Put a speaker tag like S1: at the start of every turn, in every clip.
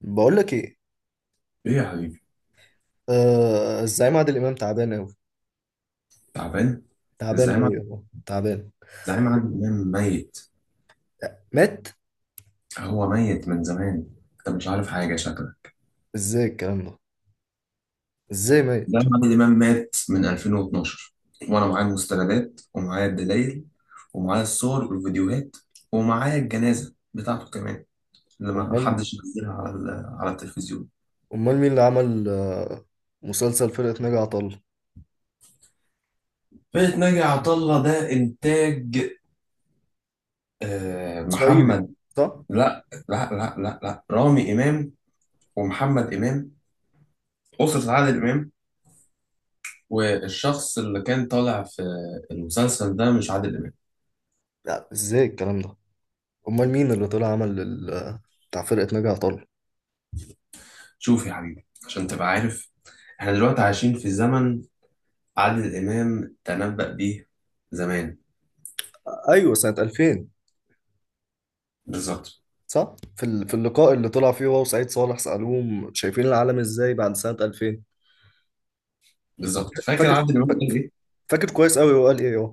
S1: بقول لك ايه.
S2: ايه يا حبيبي.
S1: الزعيم عادل امام تعبان قوي.
S2: تعبان.
S1: تعبان
S2: الزعيم عب-
S1: قوي والله تعبان.
S2: الزعيم عادل امام ميت.
S1: مات؟
S2: هو ميت من زمان. انت مش عارف حاجه، شكلك.
S1: ازاي الكلام ده؟ ازاي مات؟
S2: الزعيم عادل امام مات من 2012، وانا معايا المستندات ومعايا الدلائل ومعايا الصور والفيديوهات ومعايا الجنازه بتاعته كمان اللي ما
S1: امال،
S2: حدش نزلها على على التلفزيون.
S1: امال مين اللي عمل مسلسل فرقة ناجي عطا الله؟
S2: فرقة ناجي عطا الله ده انتاج،
S1: اسرائيلي؟
S2: محمد.
S1: صح.
S2: لا لا لا لا لا، رامي امام ومحمد امام، اسره عادل امام. والشخص اللي كان طالع في المسلسل ده مش عادل إمام.
S1: لا، ازاي الكلام ده؟ امال مين اللي طلع عمل بتاع فرقة ناجي عطا الله؟
S2: شوف يا حبيبي عشان تبقى عارف، احنا دلوقتي عايشين في زمن عادل إمام تنبأ بيه زمان.
S1: ايوه، سنة 2000.
S2: بالظبط.
S1: صح، في في اللقاء اللي طلع فيه هو وسعيد صالح سألوهم شايفين العالم ازاي بعد سنة 2000؟
S2: بالظبط، فاكر
S1: فاكر،
S2: عادل إمام قال إيه؟
S1: فاكر كويس قوي هو قال ايه.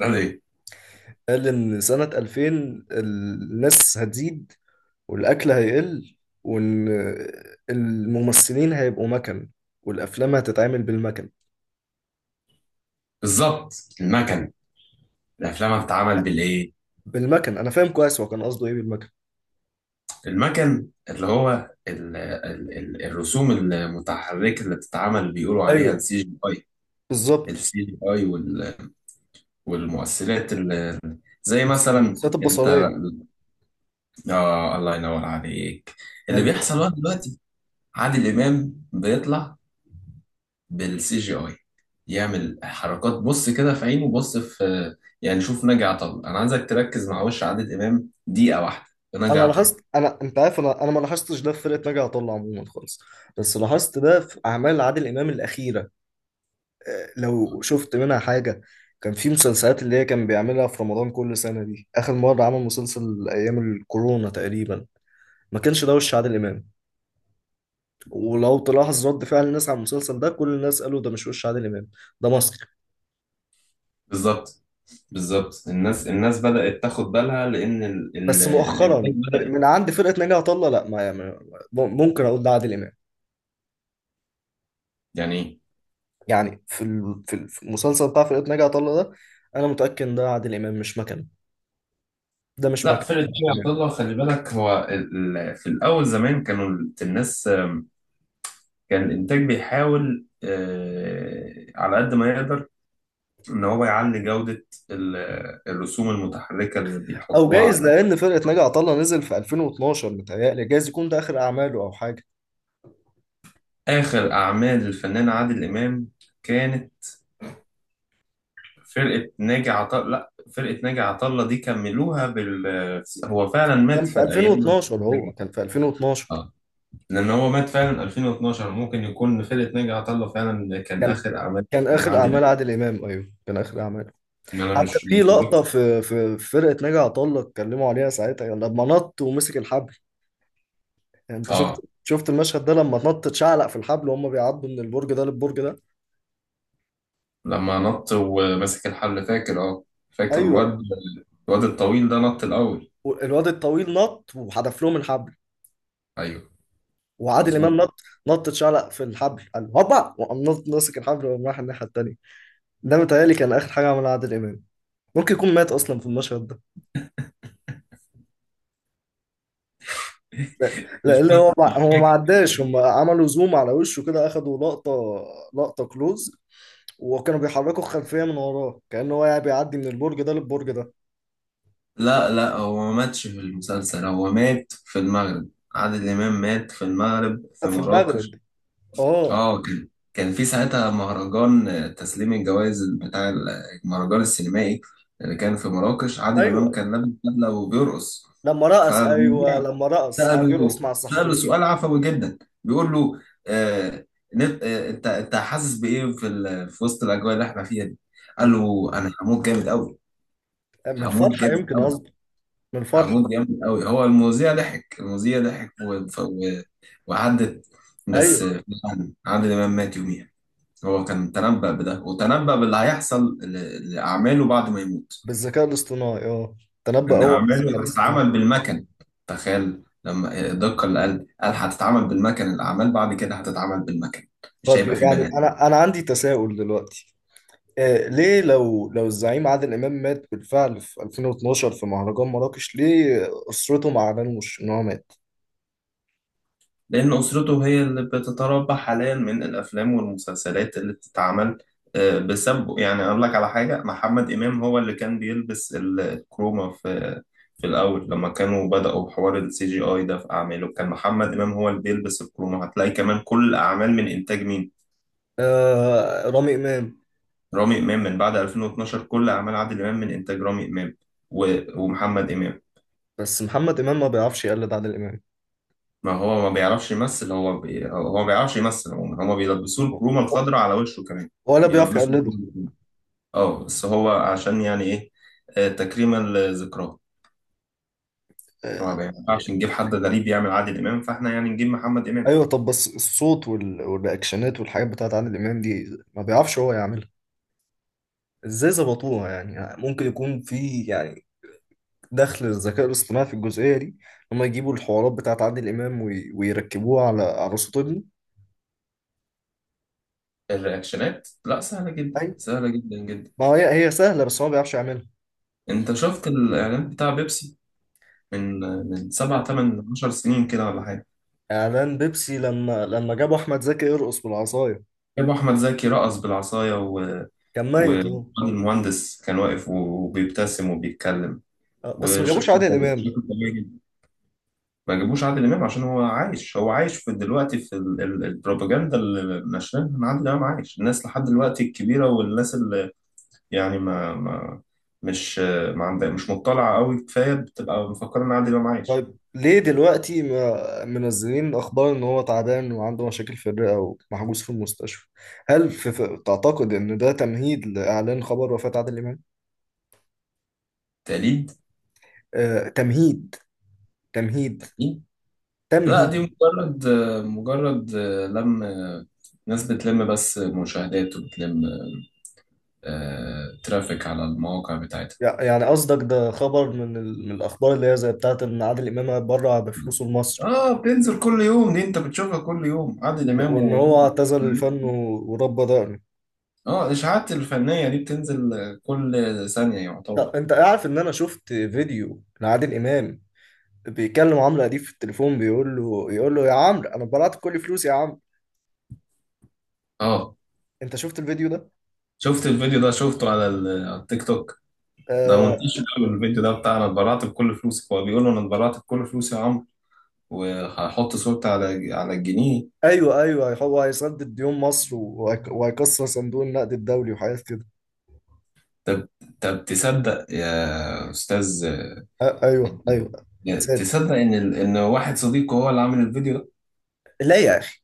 S2: قال إيه؟
S1: قال إن سنة 2000 الناس هتزيد والأكل هيقل، وإن الممثلين هيبقوا مكن والأفلام هتتعمل بالمكن.
S2: بالظبط. المكن. الأفلام بتتعمل بالإيه؟
S1: بالمكن أنا فاهم كويس هو كان قصده إيه بالمكن.
S2: المكن اللي هو ال ال ال الرسوم المتحركة اللي بتتعمل، اللي بيقولوا عليها
S1: أيوه،
S2: السي جي اي.
S1: بالظبط.
S2: السي جي اي والمؤثرات اللي زي مثلا.
S1: الذات البصرية.
S2: آه، الله ينور عليك. اللي
S1: أيوه.
S2: بيحصل بقى دلوقتي، عادل إمام بيطلع بالسي جي آي، يعمل حركات، بص كده في عينه، بص في. يعني شوف ناجي عطا الله، أنا عايزك تركز مع وش عادل إمام دقيقة واحدة في ناجي
S1: أنا
S2: عطا الله.
S1: لاحظت، أنا أنت عارف أنا ما لاحظتش ده في فرقة ناجي عطا الله عموما خالص، بس لاحظت ده في أعمال عادل إمام الأخيرة. لو شفت منها حاجة، كان في مسلسلات اللي هي كان بيعملها في رمضان كل سنة، دي آخر مرة عمل مسلسل أيام الكورونا تقريبا. ما كانش ده وش عادل إمام. ولو تلاحظ رد فعل الناس على المسلسل ده كل الناس قالوا ده مش وش عادل إمام، ده مصري.
S2: بالظبط. بالظبط، الناس بدأت تاخد بالها لأن
S1: بس
S2: الإنتاج
S1: مؤخرا،
S2: بدأ.
S1: من عند فرقة ناجي عطا الله، لا ممكن أقول ده عادل إمام.
S2: يعني
S1: يعني في في المسلسل بتاع فرقة ناجي عطا الله ده، أنا متأكد إن ده عادل إمام مش مكان. ده مش
S2: لا،
S1: مكان.
S2: فرقة ناجي عطا الله خلي بالك، هو في الأول زمان كانوا الناس، كان الإنتاج بيحاول، على قد ما يقدر ان هو يعلي جودة ال- الرسوم المتحركة اللي
S1: او
S2: بيحطوها
S1: جايز،
S2: على.
S1: لان فرقه ناجي عطا الله نزل في 2012، متهيألي جايز يكون ده اخر اعماله او حاجه.
S2: اخر اعمال الفنان عادل امام كانت فرقة ناجي عطا، لا فرقة ناجي عطا الله دي كملوها بال. هو فعلا مات
S1: كان
S2: في
S1: في
S2: ايام
S1: 2012،
S2: ناجي
S1: هو
S2: عطا
S1: كان
S2: الله.
S1: في 2012.
S2: لان هو مات فعلا 2012، ممكن يكون فرقة ناجي عطا الله فعلا كان
S1: كان،
S2: اخر اعمال
S1: كان
S2: الفنان
S1: اخر
S2: عادل
S1: اعمال
S2: امام.
S1: عادل امام، ايوه كان اخر اعماله.
S2: إن انا
S1: حتى
S2: مش
S1: في لقطه
S2: متذكر.
S1: في في فرقه ناجي عطا الله اتكلموا عليها ساعتها، يعني لما نط ومسك الحبل. يعني انت شفت
S2: اه،
S1: شفت المشهد ده لما نط اتشعلق في الحبل وهم بيعدوا من البرج ده للبرج ده.
S2: لما نط وماسك الحل، فاكر؟ اه فاكر
S1: ايوه.
S2: الواد. الواد الطويل ده نط الاول.
S1: الواد الطويل نط وحدف لهم الحبل.
S2: ايوه.
S1: وعادل
S2: مظبوط.
S1: امام نط. نط اتشعلق في الحبل قال هوبا، وقام ماسك الحبل وقام رايح الناحيه التانيه. ده متهيألي كان آخر حاجة عملها عادل إمام. ممكن يكون مات أصلا في المشهد ده. لا لا،
S2: مش
S1: اللي
S2: فاكر،
S1: هو
S2: مش
S1: ما هو ما
S2: فاكر.
S1: عداش، هم عملوا زوم على وشه كده، أخدوا لقطة، لقطة كلوز، وكانوا بيحركوا الخلفية من وراه كأنه هو يعني بيعدي من البرج ده للبرج ده.
S2: لا لا، هو ما ماتش في المسلسل، هو مات في المغرب. عادل إمام مات في المغرب في
S1: في المغرب.
S2: مراكش.
S1: اه.
S2: اه كان. كان في ساعتها مهرجان تسليم الجوائز بتاع المهرجان السينمائي اللي كان في مراكش. عادل إمام
S1: ايوه
S2: كان لابس بدلة وبيرقص.
S1: لما رقص، ايوه
S2: فالمذيع
S1: لما رقص قعد يرقص
S2: سأله
S1: مع
S2: سأله
S1: الصحفيين.
S2: سؤال عفوي جدا، بيقول له آه، انت حاسس بايه في في وسط الاجواء اللي احنا فيها دي؟ قال
S1: مم.
S2: له انا هموت جامد قوي.
S1: من
S2: هموت
S1: الفرحة يمكن
S2: جامد
S1: قصدي. من الفرحة.
S2: عجوز جامد قوي. هو المذيع ضحك، المذيع ضحك وعدت.
S1: ايوه،
S2: بس فعلا عادل امام مات يوميها. هو كان تنبأ بده، وتنبأ باللي هيحصل لأعماله بعد ما يموت.
S1: بالذكاء الاصطناعي. اه، تنبأ
S2: إن
S1: هو بالذكاء
S2: أعماله
S1: الاصطناعي.
S2: هتتعمل بالمكن. تخيل لما الدقة اللي قال هتتعمل بالمكن، الأعمال بعد كده هتتعمل بالمكن. مش
S1: طب
S2: هيبقى في
S1: يعني
S2: بني.
S1: انا عندي تساؤل دلوقتي. ليه، لو الزعيم عادل إمام مات بالفعل في 2012 في مهرجان مراكش، ليه أسرته ما أعلنوش إن هو مات؟
S2: لأن أسرته هي اللي بتتربى حاليا من الأفلام والمسلسلات اللي بتتعمل بسببه. يعني أقول لك على حاجة، محمد إمام هو اللي كان بيلبس الكروما في. في الأول لما كانوا بدأوا حوار السي جي آي ده في أعماله، كان محمد إمام هو اللي بيلبس الكروما. هتلاقي كمان كل الأعمال من إنتاج مين؟
S1: آه، رامي إمام.
S2: رامي إمام. من بعد 2012 كل أعمال عادل إمام من إنتاج رامي إمام ومحمد إمام.
S1: بس محمد إمام ما بيعرفش يقلد عادل إمام،
S2: ما هو ما بيعرفش يمثل، هو هو ما بيعرفش يمثل عموما. هما بيلبسوه الكرومة الخضراء على وشه كمان.
S1: ولا بيعرف
S2: بيلبسوه
S1: يقلده.
S2: الكرومة. اه بس هو عشان يعني ايه، تكريما لذكراه. هو
S1: آه،
S2: ما ينفعش نجيب حد غريب يعمل عادل امام، فاحنا يعني نجيب محمد امام.
S1: أيوه. طب بس الصوت والرياكشنات والحاجات بتاعت عادل إمام دي ما بيعرفش هو يعملها. إزاي ظبطوها؟ يعني ممكن يكون في، يعني دخل الذكاء الاصطناعي في الجزئية دي. هما يجيبوا الحوارات بتاعت عادل إمام ويركبوها على على صوت ابنه.
S2: الرياكشنات لا، سهلة جدا،
S1: أيوة.
S2: سهلة جدا جدا.
S1: ما هي هي سهلة، بس هو ما بيعرفش يعملها.
S2: انت شفت الاعلان بتاع بيبسي من. من سبع تمن عشر سنين كده ولا حاجة؟
S1: اعلان بيبسي لما، لما جابوا احمد زكي يرقص بالعصاية.
S2: جابوا احمد زكي رقص بالعصاية
S1: كان
S2: و...
S1: ميت هو.
S2: المهندس كان واقف وبيبتسم وبيتكلم
S1: بس ما جابوش
S2: وشكله
S1: عادل
S2: طبيعي،
S1: امام.
S2: شكله طبيعي جدا. ما جابوش عادل امام عشان هو عايش، هو عايش في دلوقتي في البروباجندا اللي نشرها ان عادل امام عايش، الناس لحد دلوقتي الكبيره، والناس اللي يعني ما, ما مش ما عندها مش مطلعه قوي كفايه بتبقى مفكره ان عادل امام عايش.
S1: طيب، ليه دلوقتي ما منزلين اخبار ان هو تعبان وعنده مشاكل في الرئة ومحجوز في المستشفى؟ هل في، في تعتقد ان ده تمهيد لاعلان خبر وفاة عادل امام؟
S2: تقليد.
S1: آه، تمهيد، تمهيد،
S2: لا دي
S1: تمهيد.
S2: مجرد، مجرد لم ناس بتلم بس مشاهدات، وبتلم ترافيك على المواقع بتاعتها.
S1: يعني قصدك ده خبر من ال... من الاخبار اللي هي زي بتاعت ان عادل امام بره بفلوسه لمصر،
S2: اه بتنزل كل يوم دي، انت بتشوفها كل يوم، عادل
S1: وإن،
S2: امام
S1: وإن
S2: و.
S1: هو اعتزل الفن ورب ضهره.
S2: اه الاشاعات الفنيه دي بتنزل كل ثانيه يعتبر.
S1: طب أنت عارف إن أنا شفت فيديو لعادل إمام بيكلم عمرو أديب في التليفون، بيقول له، يقول له يا عمرو أنا اتبرعت بكل فلوسي يا عمرو.
S2: اه
S1: أنت شفت الفيديو ده؟
S2: شفت الفيديو ده، شفته على على التيك توك. ده منتشر
S1: آه
S2: قوي الفيديو ده بتاع انا اتبرعت بكل فلوسي. هو بيقول له انا اتبرعت بكل فلوسي يا عمرو، وهحط صورتي على على الجنيه.
S1: أيوه أيوه، هو هيسدد ديون مصر وهيكسر صندوق النقد الدولي وحاجات كده.
S2: طب. طب تصدق يا استاذ،
S1: آه أيوه أيوه، صادق.
S2: تصدق ان ان واحد صديقه هو اللي عامل الفيديو ده.
S1: لا يا أخي.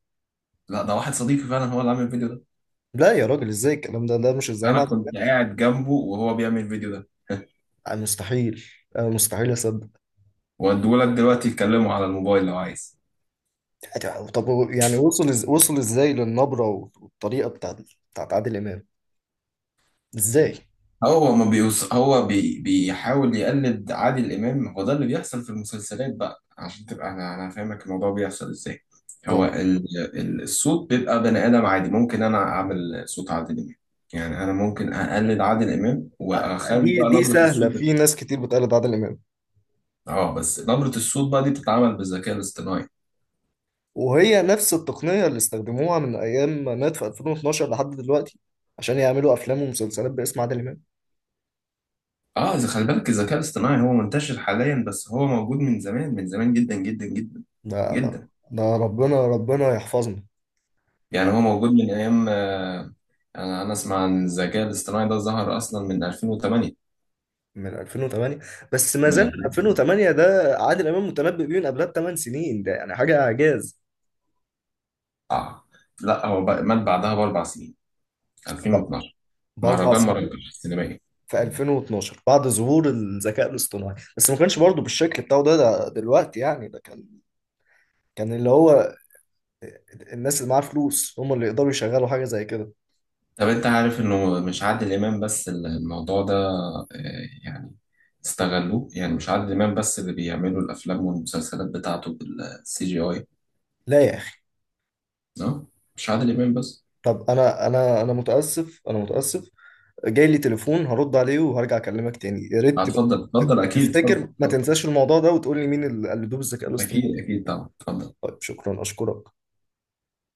S2: لا ده واحد صديقي فعلا هو اللي عامل الفيديو ده.
S1: لا يا راجل، إزاي الكلام ده؟ ده مش الزعيم
S2: انا
S1: عادل
S2: كنت
S1: إمام.
S2: قاعد جنبه وهو بيعمل الفيديو ده.
S1: مستحيل. مستحيل أصدق.
S2: واديهولك دلوقتي تكلمه على الموبايل لو عايز.
S1: طب يعني وصل وصل ازاي للنبرة والطريقة بتاعت، بتاعت عادل إمام؟ ازاي؟
S2: هو ما بيوص... هو بي... بيحاول يقلد عادل امام. هو ده اللي بيحصل في المسلسلات بقى، عشان تبقى انا فاهمك الموضوع بيحصل ازاي. هو
S1: اه،
S2: الصوت بيبقى بني ادم عادي، ممكن انا اعمل صوت عادل امام. يعني انا ممكن اقلد عادل امام واخلي
S1: دي
S2: بقى
S1: دي
S2: نبرة
S1: سهلة،
S2: الصوت ده.
S1: في ناس كتير بتقلد عادل إمام.
S2: اه بس نبرة الصوت بقى دي بتتعمل بالذكاء الاصطناعي.
S1: وهي نفس التقنية اللي استخدموها من أيام ما مات في 2012 لحد دلوقتي، عشان يعملوا أفلام ومسلسلات باسم عادل إمام.
S2: اه إذا خلي بالك، الذكاء الاصطناعي هو منتشر حاليا، بس هو موجود من زمان، من زمان جدا جدا جدا
S1: ده،
S2: جدا.
S1: ده ربنا، ربنا يحفظنا.
S2: يعني
S1: يعني
S2: هو موجود من ايام، انا اسمع عن الذكاء الاصطناعي ده ظهر اصلا من 2008.
S1: من 2008. بس ما
S2: من
S1: زال من
S2: 2000.
S1: 2008 ده، عادل إمام متنبئ بيه من قبلها ب8 سنين، ده يعني حاجة إعجاز.
S2: اه لا هو مات بعدها باربع سنين،
S1: ب-
S2: 2012،
S1: بأربع
S2: مهرجان
S1: سنين.
S2: مراكش السينمائي.
S1: في 2012 بعد ظهور الذكاء الاصطناعي، بس ما كانش برضه بالشكل بتاعه ده، ده دلوقتي يعني. ده كان، كان اللي هو الناس اللي معاها فلوس هم اللي يقدروا يشغلوا حاجة زي كده.
S2: طب انت عارف انه مش عادل امام بس الموضوع ده، آه، يعني استغلوه. يعني مش عادل امام بس اللي بيعملوا الافلام والمسلسلات بتاعته بالسي جي اي.
S1: لا يا أخي.
S2: اه مش عادل امام بس.
S1: طب أنا، أنا متأسف، أنا متأسف. جاي لي تليفون هرد عليه وهرجع أكلمك تاني، يا ريت تبقى
S2: اتفضل اتفضل، اكيد، اتفضل
S1: تفتكر ما
S2: اتفضل.
S1: تنساش الموضوع ده وتقول لي مين اللي قلدوه بالذكاء الاصطناعي.
S2: اكيد اكيد طبعا اتفضل.
S1: طيب شكرا، أشكرك.